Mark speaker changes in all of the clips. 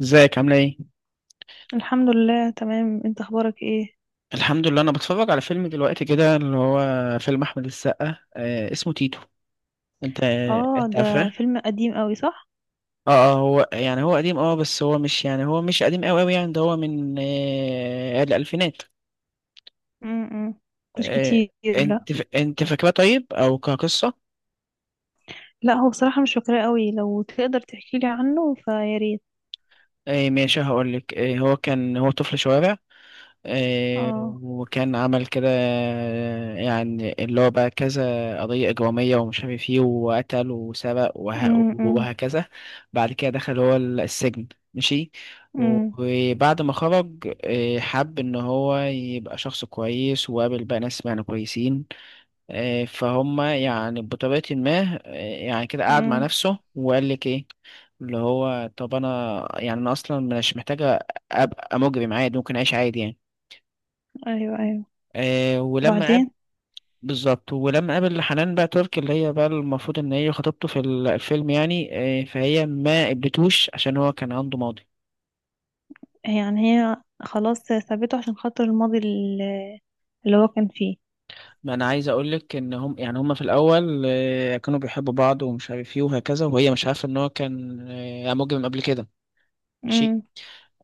Speaker 1: ازيك عاملة ايه؟
Speaker 2: الحمد لله، تمام. انت اخبارك ايه؟
Speaker 1: الحمد لله، انا بتفرج على فيلم دلوقتي كده اللي هو فيلم احمد السقا اسمه تيتو. انت
Speaker 2: اه،
Speaker 1: انت
Speaker 2: ده
Speaker 1: عارفاه؟
Speaker 2: فيلم قديم قوي، صح؟
Speaker 1: اه اه، هو قديم. اه بس هو مش قديم قوي قوي، يعني ده هو من الالفينات.
Speaker 2: امم. مش
Speaker 1: آه
Speaker 2: كتير. لا،
Speaker 1: انت فاكراه طيب او كقصة؟
Speaker 2: لا، هو بصراحة مش فاكراه قوي. لو تقدر تحكي لي عنه فيا ريت.
Speaker 1: ماشي، هقول لك. هو كان هو طفل شوارع، آه،
Speaker 2: اه.
Speaker 1: وكان عمل كده، يعني اللي هو بقى كذا قضية إجرامية ومش عارف ايه وقتل وسرق
Speaker 2: امم.
Speaker 1: وهكذا. بعد كده دخل هو السجن. ماشي.
Speaker 2: امم.
Speaker 1: وبعد ما خرج، حب إن هو يبقى شخص كويس وقابل بقى ناس يعني كويسين، فهم يعني بطريقة ما. يعني كده قعد مع نفسه وقال لك ايه، اللي هو طب أنا يعني أنا أصلا مش محتاجة أبقى مجرم، عادي ممكن أعيش عادي يعني.
Speaker 2: ايوه، ايوه.
Speaker 1: آه ولما قاب
Speaker 2: بعدين.
Speaker 1: بالظبط، ولما قابل حنان بقى ترك، اللي هي بقى المفروض ان هي خطيبته في الفيلم يعني. فهي ما قبلتوش عشان هو كان عنده ماضي.
Speaker 2: يعني هي خلاص سابته عشان خاطر الماضي اللي هو كان فيه.
Speaker 1: ما انا عايز اقول لك ان هم في الاول، كانوا بيحبوا بعض ومش عارف ايه وهكذا، وهي مش عارفه ان هو كان مجرم قبل كده. ماشي.
Speaker 2: امم.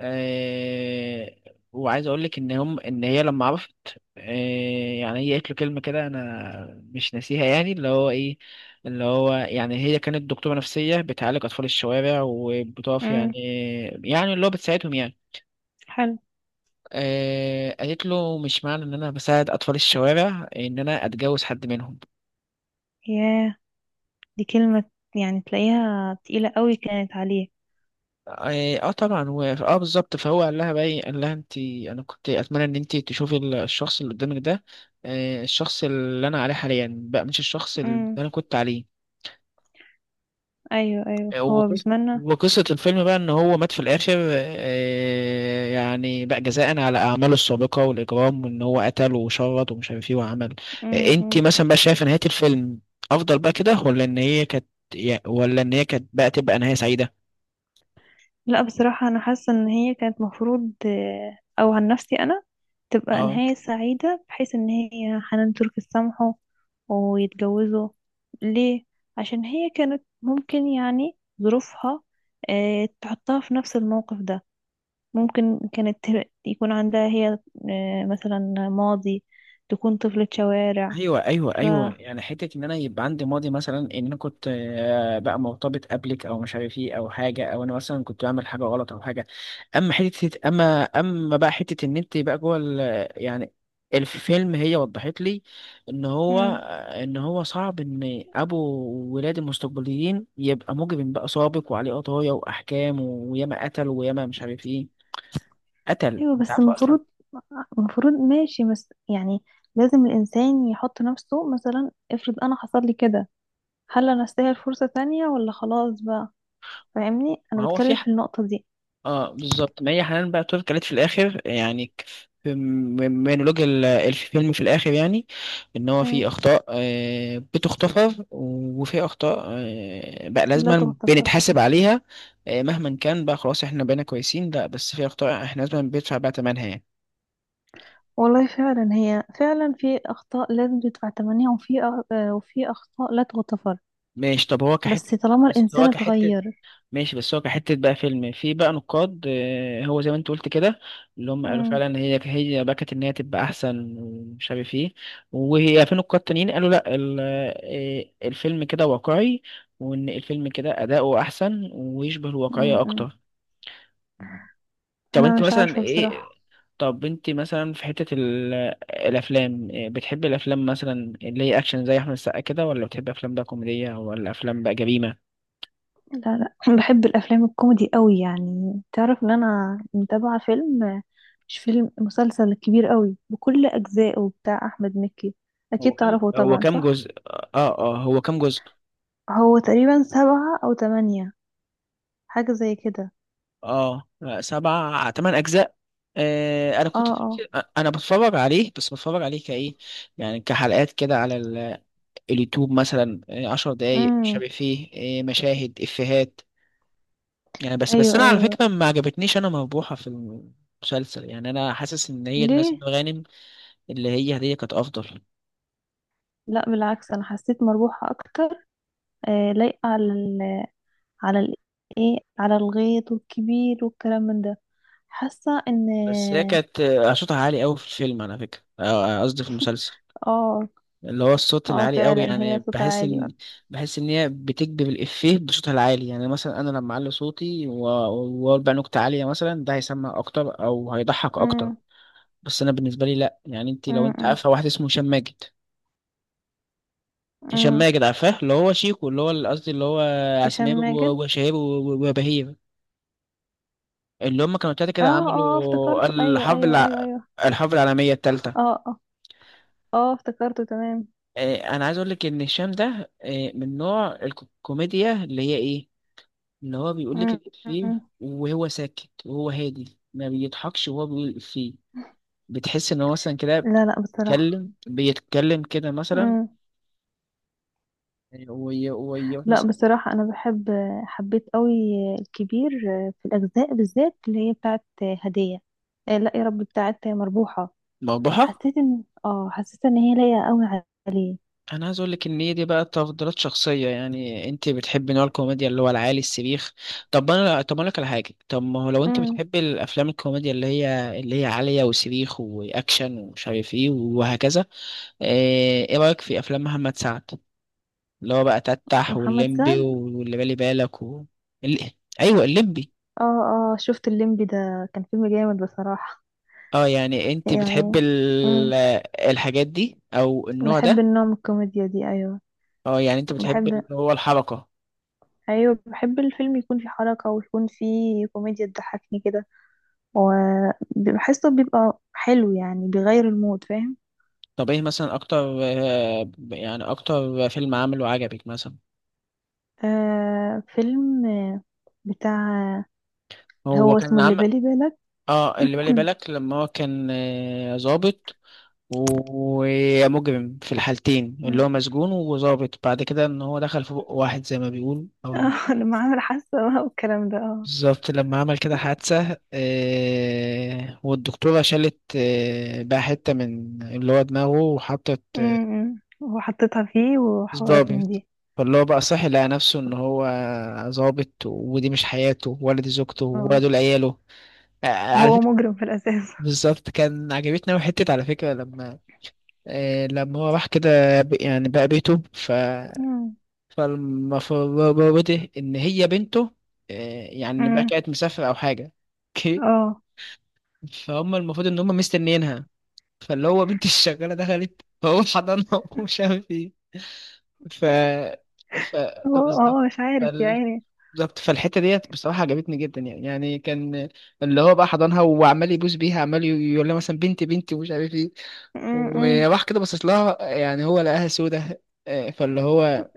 Speaker 1: آه وعايز اقول لك ان ان هي لما عرفت، يعني هي قالت له كلمه كده انا مش ناسيها، يعني اللي هو ايه، اللي هو يعني هي كانت دكتوره نفسيه بتعالج اطفال الشوارع وبتقف يعني،
Speaker 2: امم.
Speaker 1: يعني اللي هو بتساعدهم يعني.
Speaker 2: حلو.
Speaker 1: قالت له مش معنى ان انا بساعد اطفال الشوارع ان انا اتجوز حد منهم.
Speaker 2: ياه، دي كلمة يعني تلاقيها تقيلة قوي كانت عليه.
Speaker 1: طبعا، و... اه بالظبط. فهو قال لها بقى ايه، قال لها انت انا كنت اتمنى ان انت تشوفي الشخص اللي قدامك ده، الشخص اللي انا عليه حاليا بقى مش الشخص اللي
Speaker 2: امم.
Speaker 1: انا كنت عليه.
Speaker 2: ايوه، ايوه،
Speaker 1: آه،
Speaker 2: فهو
Speaker 1: وقص-
Speaker 2: بيتمنى.
Speaker 1: وقصة الفيلم بقى ان هو مات في الاخر، يعني بقى جزاء على اعماله السابقة والاجرام، وان هو قتل وشرد ومش عارف ايه وعمل. انت
Speaker 2: امم.
Speaker 1: مثلا بقى شايفه نهاية الفيلم افضل بقى كده، ولا ان هي كانت ولا ان هي كانت بقى تبقى نهاية سعيدة؟
Speaker 2: لا، بصراحة أنا حاسة إن هي كانت مفروض، أو عن نفسي أنا تبقى
Speaker 1: اه،
Speaker 2: نهاية سعيدة بحيث إن هي حنان ترك تسامحه ويتجوزوا. ليه؟ عشان هي كانت ممكن يعني ظروفها تحطها في نفس الموقف ده. ممكن كانت يكون عندها هي، مثلا، ماضي. تكون طفلة شوارع
Speaker 1: ايوه ايوه
Speaker 2: ف
Speaker 1: ايوه، يعني حته ان انا يبقى عندي ماضي، مثلا ان انا كنت، بقى مرتبط قبلك او مش عارف ايه او حاجه، او انا مثلا كنت بعمل حاجه غلط او حاجه. اما حته اما بقى حته ان انت بقى جوه يعني الفيلم، هي وضحت لي ان هو،
Speaker 2: مم.
Speaker 1: ان هو صعب ان ابو ولاد المستقبليين يبقى مجرم بقى سابق وعليه قضايا واحكام وياما قتل وياما مش عارف ايه قتل،
Speaker 2: ايوه،
Speaker 1: انت
Speaker 2: بس
Speaker 1: عارفه اصلا.
Speaker 2: المفروض. ماشي، بس يعني لازم الانسان يحط نفسه، مثلا افرض انا حصل لي كده. هل انا استاهل فرصة تانية ولا خلاص بقى؟ فاهمني انا
Speaker 1: ما هو في،
Speaker 2: بتكلم في النقطة دي.
Speaker 1: اه بالظبط، ما هي حنان بقى ترك قالت في الاخر، يعني في مونولوج الفيلم في الاخر، يعني ان هو
Speaker 2: مم.
Speaker 1: في اخطاء، بتغتفر، وفي اخطاء، بقى
Speaker 2: لا
Speaker 1: لازما
Speaker 2: تغتفر.
Speaker 1: بنتحاسب عليها، مهما كان بقى. خلاص احنا بقينا كويسين، لا بس في اخطاء احنا لازما بندفع بقى ثمنها يعني.
Speaker 2: والله فعلا، هي فعلا في اخطاء لازم تدفع ثمنها، وفي أ- آه، وفي اخطاء لا تغتفر.
Speaker 1: ماشي. طب هو
Speaker 2: بس
Speaker 1: كحته
Speaker 2: طالما
Speaker 1: بس
Speaker 2: الانسان
Speaker 1: هو كحته
Speaker 2: اتغير.
Speaker 1: ماشي بس هو كحتة بقى فيلم، في بقى نقاد، هو زي ما انت قلت كده، اللي هم قالوا
Speaker 2: مم.
Speaker 1: فعلا هي بكت ان هي تبقى احسن ومش عارف ايه، وهي في نقاد تانيين قالوا لا، الفيلم كده واقعي، وان الفيلم كده اداؤه احسن ويشبه
Speaker 2: مم.
Speaker 1: الواقعية
Speaker 2: مم.
Speaker 1: اكتر. طب
Speaker 2: انا
Speaker 1: انت
Speaker 2: مش
Speaker 1: مثلا
Speaker 2: عارفة
Speaker 1: ايه،
Speaker 2: بصراحة.
Speaker 1: طب انت مثلا في حتة الافلام، بتحب الافلام مثلا اللي هي اكشن زي احمد السقا كده، ولا بتحب افلام بقى كوميدية، ولا افلام بقى جريمة؟
Speaker 2: لا، لا، بحب الافلام الكوميدي قوي. يعني تعرف ان انا متابعه فيلم. مش فيلم، مسلسل كبير قوي بكل اجزائه بتاع احمد مكي. اكيد
Speaker 1: هو كام
Speaker 2: تعرفه
Speaker 1: هو
Speaker 2: طبعا،
Speaker 1: كام
Speaker 2: صح؟
Speaker 1: جزء؟ هو كام جزء؟
Speaker 2: هو تقريبا سبعة او تمانية. حاجه زي كده.
Speaker 1: اه، سبع تمن اجزاء. انا
Speaker 2: اه،
Speaker 1: كنت،
Speaker 2: اه.
Speaker 1: انا بتفرج عليه، بس بتفرج عليه كايه، يعني كحلقات كده على اليوتيوب مثلا، عشر دقايق مش
Speaker 2: امم.
Speaker 1: عارف فيه، مشاهد افيهات يعني. بس
Speaker 2: ايوه،
Speaker 1: انا على
Speaker 2: ايوه،
Speaker 1: فكره ما عجبتنيش انا مربوحه في المسلسل، يعني انا حاسس ان هي دي ناس
Speaker 2: ليه؟
Speaker 1: غانم، اللي هي هديه كانت افضل.
Speaker 2: لا بالعكس، انا حسيت مربوحه اكتر. لايقه على ال على ال ايه على الغيط والكبير والكلام من ده. حاسه ان.
Speaker 1: بس هي كانت، صوتها عالي قوي في الفيلم، على فكره، قصدي في المسلسل،
Speaker 2: اه،
Speaker 1: اللي هو الصوت
Speaker 2: اه،
Speaker 1: العالي قوي،
Speaker 2: فعلا هي
Speaker 1: يعني
Speaker 2: صوتها
Speaker 1: بحس
Speaker 2: عالي.
Speaker 1: ان، بحس ان هي بتكذب الافيه بصوتها العالي. يعني مثلا انا لما اعلي صوتي واقول بقى نكته عاليه مثلا، ده هيسمع اكتر او هيضحك اكتر،
Speaker 2: امم.
Speaker 1: بس انا بالنسبه لي لا. يعني انت، لو انت
Speaker 2: امم.
Speaker 1: عارفه واحد اسمه هشام ماجد، هشام
Speaker 2: امم.
Speaker 1: ماجد، عارفاه؟ اللي هو شيكو، اللي هو قصدي اللي هو
Speaker 2: هشام
Speaker 1: عسمير
Speaker 2: ماجد.
Speaker 1: وشهير وبهير، اللي هم كانوا تلاته
Speaker 2: اه،
Speaker 1: كده
Speaker 2: اه،
Speaker 1: عملوا
Speaker 2: افتكرته. ايوه، ايوه، ايوه، ايوه.
Speaker 1: الحرب العالميه الثالثه.
Speaker 2: اه، اه. اه، افتكرته. تمام.
Speaker 1: انا عايز اقول لك ان هشام ده، من نوع الكوميديا اللي هي ايه، اللي هو بيقول لك
Speaker 2: مم، مم.
Speaker 1: الإفيه وهو ساكت، وهو هادي ما بيضحكش وهو بيقول الإفيه، بتحس إن هو مثلا كده
Speaker 2: لا، لا، بصراحة.
Speaker 1: بيتكلم كده مثلا،
Speaker 2: مم.
Speaker 1: ويروح
Speaker 2: لا،
Speaker 1: مثلا.
Speaker 2: بصراحة انا حبيت قوي الكبير، في الاجزاء بالذات اللي هي بتاعت هدية. لا يا رب، بتاعت مربوحة.
Speaker 1: مربوحة.
Speaker 2: حسيت ان هي لايقة قوي عليه.
Speaker 1: أنا عايز أقول لك إن هي دي بقى تفضيلات شخصية، يعني أنت بتحبي نوع الكوميديا اللي هو العالي السبيخ. طب أنا طب أقول لك على حاجة، طب ما هو لو أنت
Speaker 2: مم.
Speaker 1: بتحبي الأفلام الكوميديا اللي هي عالية وسبيخ وأكشن ومش عارف إيه وهكذا، إيه إيه رأيك في أفلام محمد سعد؟ اللي هو بقى تتح
Speaker 2: محمد سعد.
Speaker 1: والليمبي واللي بالي بالك ال... ايوه، الليمبي.
Speaker 2: اه، اه، شفت الليمبي، ده كان فيلم جامد بصراحة.
Speaker 1: اه، يعني انت بتحب
Speaker 2: يعني. مم.
Speaker 1: الحاجات دي او النوع
Speaker 2: بحب
Speaker 1: ده؟
Speaker 2: النوع من الكوميديا دي، ايوه.
Speaker 1: اه، يعني انت بتحب
Speaker 2: بحب
Speaker 1: اللي هو الحركة.
Speaker 2: ايوه، بحب الفيلم يكون فيه حركة ويكون فيه كوميديا تضحكني كده. وبحسه بيبقى حلو، يعني بيغير المود، فاهم؟
Speaker 1: طب ايه مثلا اكتر، يعني اكتر فيلم عمله عجبك مثلا؟
Speaker 2: فيلم، بتاع اللي
Speaker 1: هو
Speaker 2: هو اسمه
Speaker 1: كان
Speaker 2: اللي
Speaker 1: عم
Speaker 2: بالي بالك.
Speaker 1: اه، اللي بالي بالك، لما هو كان، ظابط و- ومجرم في الحالتين، اللي
Speaker 2: مم.
Speaker 1: هو مسجون وظابط بعد كده، ان هو دخل في بق واحد زي ما بيقول. او
Speaker 2: اه، لما عامل حاسة بقى والكلام ده، اه.
Speaker 1: بالظبط، لما عمل كده حادثة، والدكتورة شالت، بقى حتة من اللي هو دماغه وحطت،
Speaker 2: مم. وحطيتها فيه وحوارات من
Speaker 1: ضابط،
Speaker 2: دي.
Speaker 1: فاللي هو بقى صحي لقى نفسه إن هو ظابط، ودي مش حياته، ولا دي زوجته، ولا
Speaker 2: اه.
Speaker 1: دول عياله، على
Speaker 2: وهو
Speaker 1: فكرة.
Speaker 2: مجرم في الأساس.
Speaker 1: بالظبط، كان عجبتني أوي حتة على فكرة، لما، لما هو راح كده يعني بقى بيته. ف،
Speaker 2: مم.
Speaker 1: فالمفروض إن هي بنته، آه، يعني بقى
Speaker 2: امم.
Speaker 1: كانت مسافرة أو حاجة.
Speaker 2: اه،
Speaker 1: فهم المفروض ان هم مستنيينها، فاللي هو بنت الشغاله دخلت فهو حضنها ومش عارف ايه. ف، ف
Speaker 2: هو
Speaker 1: بالظبط.
Speaker 2: مش عارف يا
Speaker 1: فال-
Speaker 2: عيني.
Speaker 1: بالظبط، فالحته ديت بصراحه عجبتني جدا يعني، يعني كان اللي هو بقى حضنها وعمال يبوس بيها، عمال يقول لها مثلا بنتي بنتي ومش عارف ايه،
Speaker 2: مم. مم.
Speaker 1: وراح كده باصص لها يعني، هو لقاها سودة، آه، فاللي هو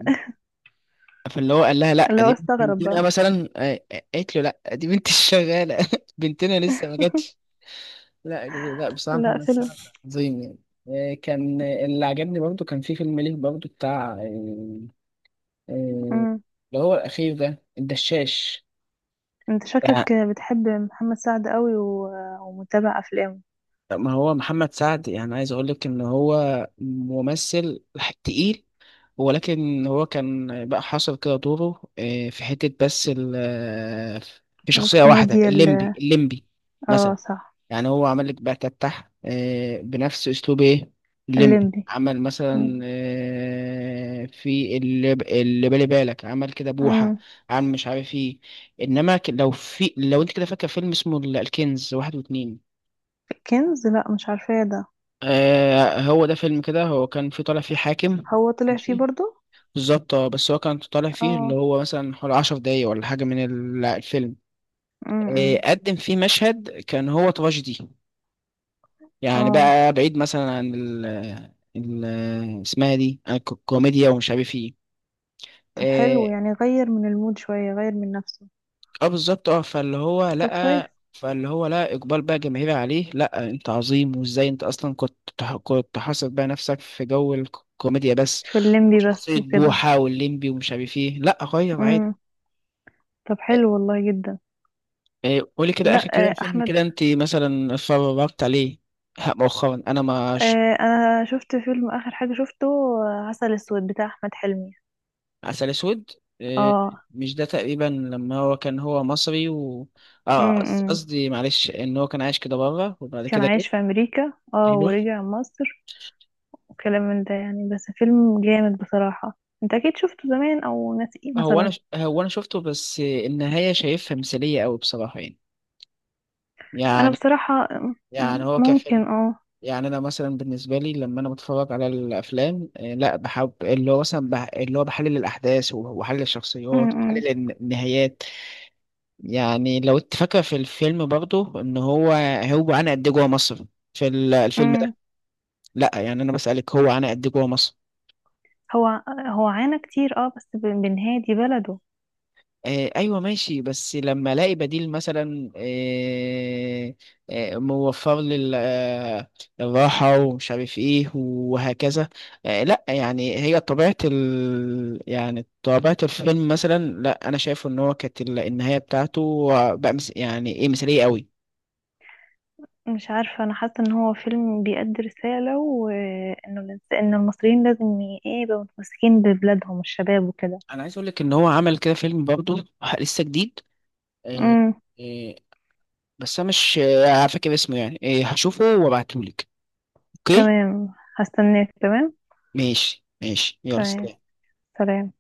Speaker 1: فاللي هو قال لها لا
Speaker 2: اللي هو
Speaker 1: دي
Speaker 2: استغرب
Speaker 1: بنتنا
Speaker 2: بقى.
Speaker 1: مثلا، قالت له لا دي بنت الشغاله، بنتنا لسه ما جاتش. لا لا، بصراحة
Speaker 2: لا
Speaker 1: محمد
Speaker 2: فيلم.
Speaker 1: سعد عظيم يعني، كان، اللي عجبني برضو كان في فيلم ليه برضو بتاع، آه،
Speaker 2: مم.
Speaker 1: اللي هو الأخير ده الدشاش.
Speaker 2: انت
Speaker 1: يعني
Speaker 2: شكلك بتحب محمد سعد قوي ومتابع افلامه.
Speaker 1: ما هو محمد سعد، يعني عايز أقول لك إن هو ممثل تقيل، ولكن هو كان بقى حاصر كده دوره، في حتة بس في شخصية واحدة،
Speaker 2: الكوميديا
Speaker 1: الليمبي،
Speaker 2: ال...
Speaker 1: الليمبي مثلا.
Speaker 2: اه، صح.
Speaker 1: يعني هو عمل لك بقى تفتح، بنفس اسلوب ايه، الليمبي
Speaker 2: الليمبي.
Speaker 1: عمل
Speaker 2: مم.
Speaker 1: مثلا، في اللي بالي بالك عمل كده بوحة،
Speaker 2: مم.
Speaker 1: عمل مش عارف ايه. انما لو في، لو انت كده فاكر فيلم اسمه الكنز واحد واتنين،
Speaker 2: كنز، لا مش عارفاه ده.
Speaker 1: هو ده فيلم كده، هو كان في طالع فيه حاكم.
Speaker 2: هو طلع فيه
Speaker 1: ماشي.
Speaker 2: برضو.
Speaker 1: بالظبط، اه بس هو كان طالع فيه اللي
Speaker 2: اه.
Speaker 1: هو مثلا حوالي عشر دقايق ولا حاجة من الفيلم.
Speaker 2: امم.
Speaker 1: قدم فيه مشهد كان هو تراجيدي، يعني
Speaker 2: اه.
Speaker 1: بقى بعيد مثلا عن ال، ال اسمها دي، عن الكوميديا ومش عارف ايه.
Speaker 2: طب حلو،
Speaker 1: إيه،
Speaker 2: يعني غير من المود شوية، غير من نفسه.
Speaker 1: اه بالظبط، اه فاللي هو
Speaker 2: طب كويس.
Speaker 1: لقى فاللي هو لقى اقبال بقى جماهيري عليه، لا انت عظيم وازاي انت اصلا كنت كنت حاصر بقى نفسك في جو الكوميديا بس،
Speaker 2: في الليمبي بس
Speaker 1: وشخصية
Speaker 2: وكده.
Speaker 1: بوحة والليمبي ومش عارف ايه، لا غير عادي.
Speaker 2: امم. طب حلو والله، جدا.
Speaker 1: إيه، قولي كده
Speaker 2: لا.
Speaker 1: اخر كده
Speaker 2: آه،
Speaker 1: فيلم
Speaker 2: احمد
Speaker 1: كده انت مثلا اتفرجت عليه؟ ها، مؤخرا انا ما،
Speaker 2: آه، انا شفت فيلم اخر حاجة شفته. عسل اسود بتاع احمد حلمي.
Speaker 1: عسل اسود، آه،
Speaker 2: اه.
Speaker 1: مش ده تقريبا لما هو كان هو مصري و،
Speaker 2: امم.
Speaker 1: قصدي معلش، ان هو كان عايش كده بره وبعد
Speaker 2: كان
Speaker 1: كده جه.
Speaker 2: عايش في امريكا
Speaker 1: ايوه.
Speaker 2: ورجع مصر. وكلام من ده، يعني بس فيلم جامد بصراحة. انت اكيد شفته زمان او ناسيه
Speaker 1: هو انا
Speaker 2: مثلا.
Speaker 1: هو انا شفته، بس النهايه شايفها مثاليه قوي بصراحه يعني،
Speaker 2: انا
Speaker 1: يعني،
Speaker 2: بصراحة
Speaker 1: يعني هو
Speaker 2: ممكن
Speaker 1: كفيلم. يعني انا مثلا بالنسبه لي لما انا بتفرج على الافلام، لا بحب اللي هو مثلا اللي هو بحلل الاحداث وبحلل
Speaker 2: م-
Speaker 1: الشخصيات
Speaker 2: م-
Speaker 1: وبحلل النهايات. يعني لو انت فاكره في الفيلم برضه ان هو، هو انا قد إيه جوه مصر في الفيلم،
Speaker 2: م.
Speaker 1: لا يعني انا بسألك، هو انا قد إيه جوه مصر؟
Speaker 2: هو عانى كتير، بس بنهاية دي بلده.
Speaker 1: ايوه ماشي، بس لما الاقي بديل مثلا، موفر لي الراحه ومش عارف ايه وهكذا، لا يعني هي طبيعه ال، يعني طبيعه الفيلم مثلا، لا انا شايفه ان هو كانت النهايه بتاعته بقى مس، يعني ايه، مثاليه قوي.
Speaker 2: مش عارفة، انا حاسة ان هو فيلم بيأدي رسالة، وانه ان المصريين لازم ي- ايه يبقوا متمسكين ببلادهم، الشباب وكده.
Speaker 1: انا عايز اقول لك ان هو عمل كده فيلم برضه لسه جديد، آه
Speaker 2: م.
Speaker 1: آه بس انا مش، فاكر اسمه يعني، هشوفه وابعتهولك. اوكي.
Speaker 2: تمام، هستناك، تمام.
Speaker 1: ماشي، يلا
Speaker 2: تمام.
Speaker 1: سلام.
Speaker 2: سلام.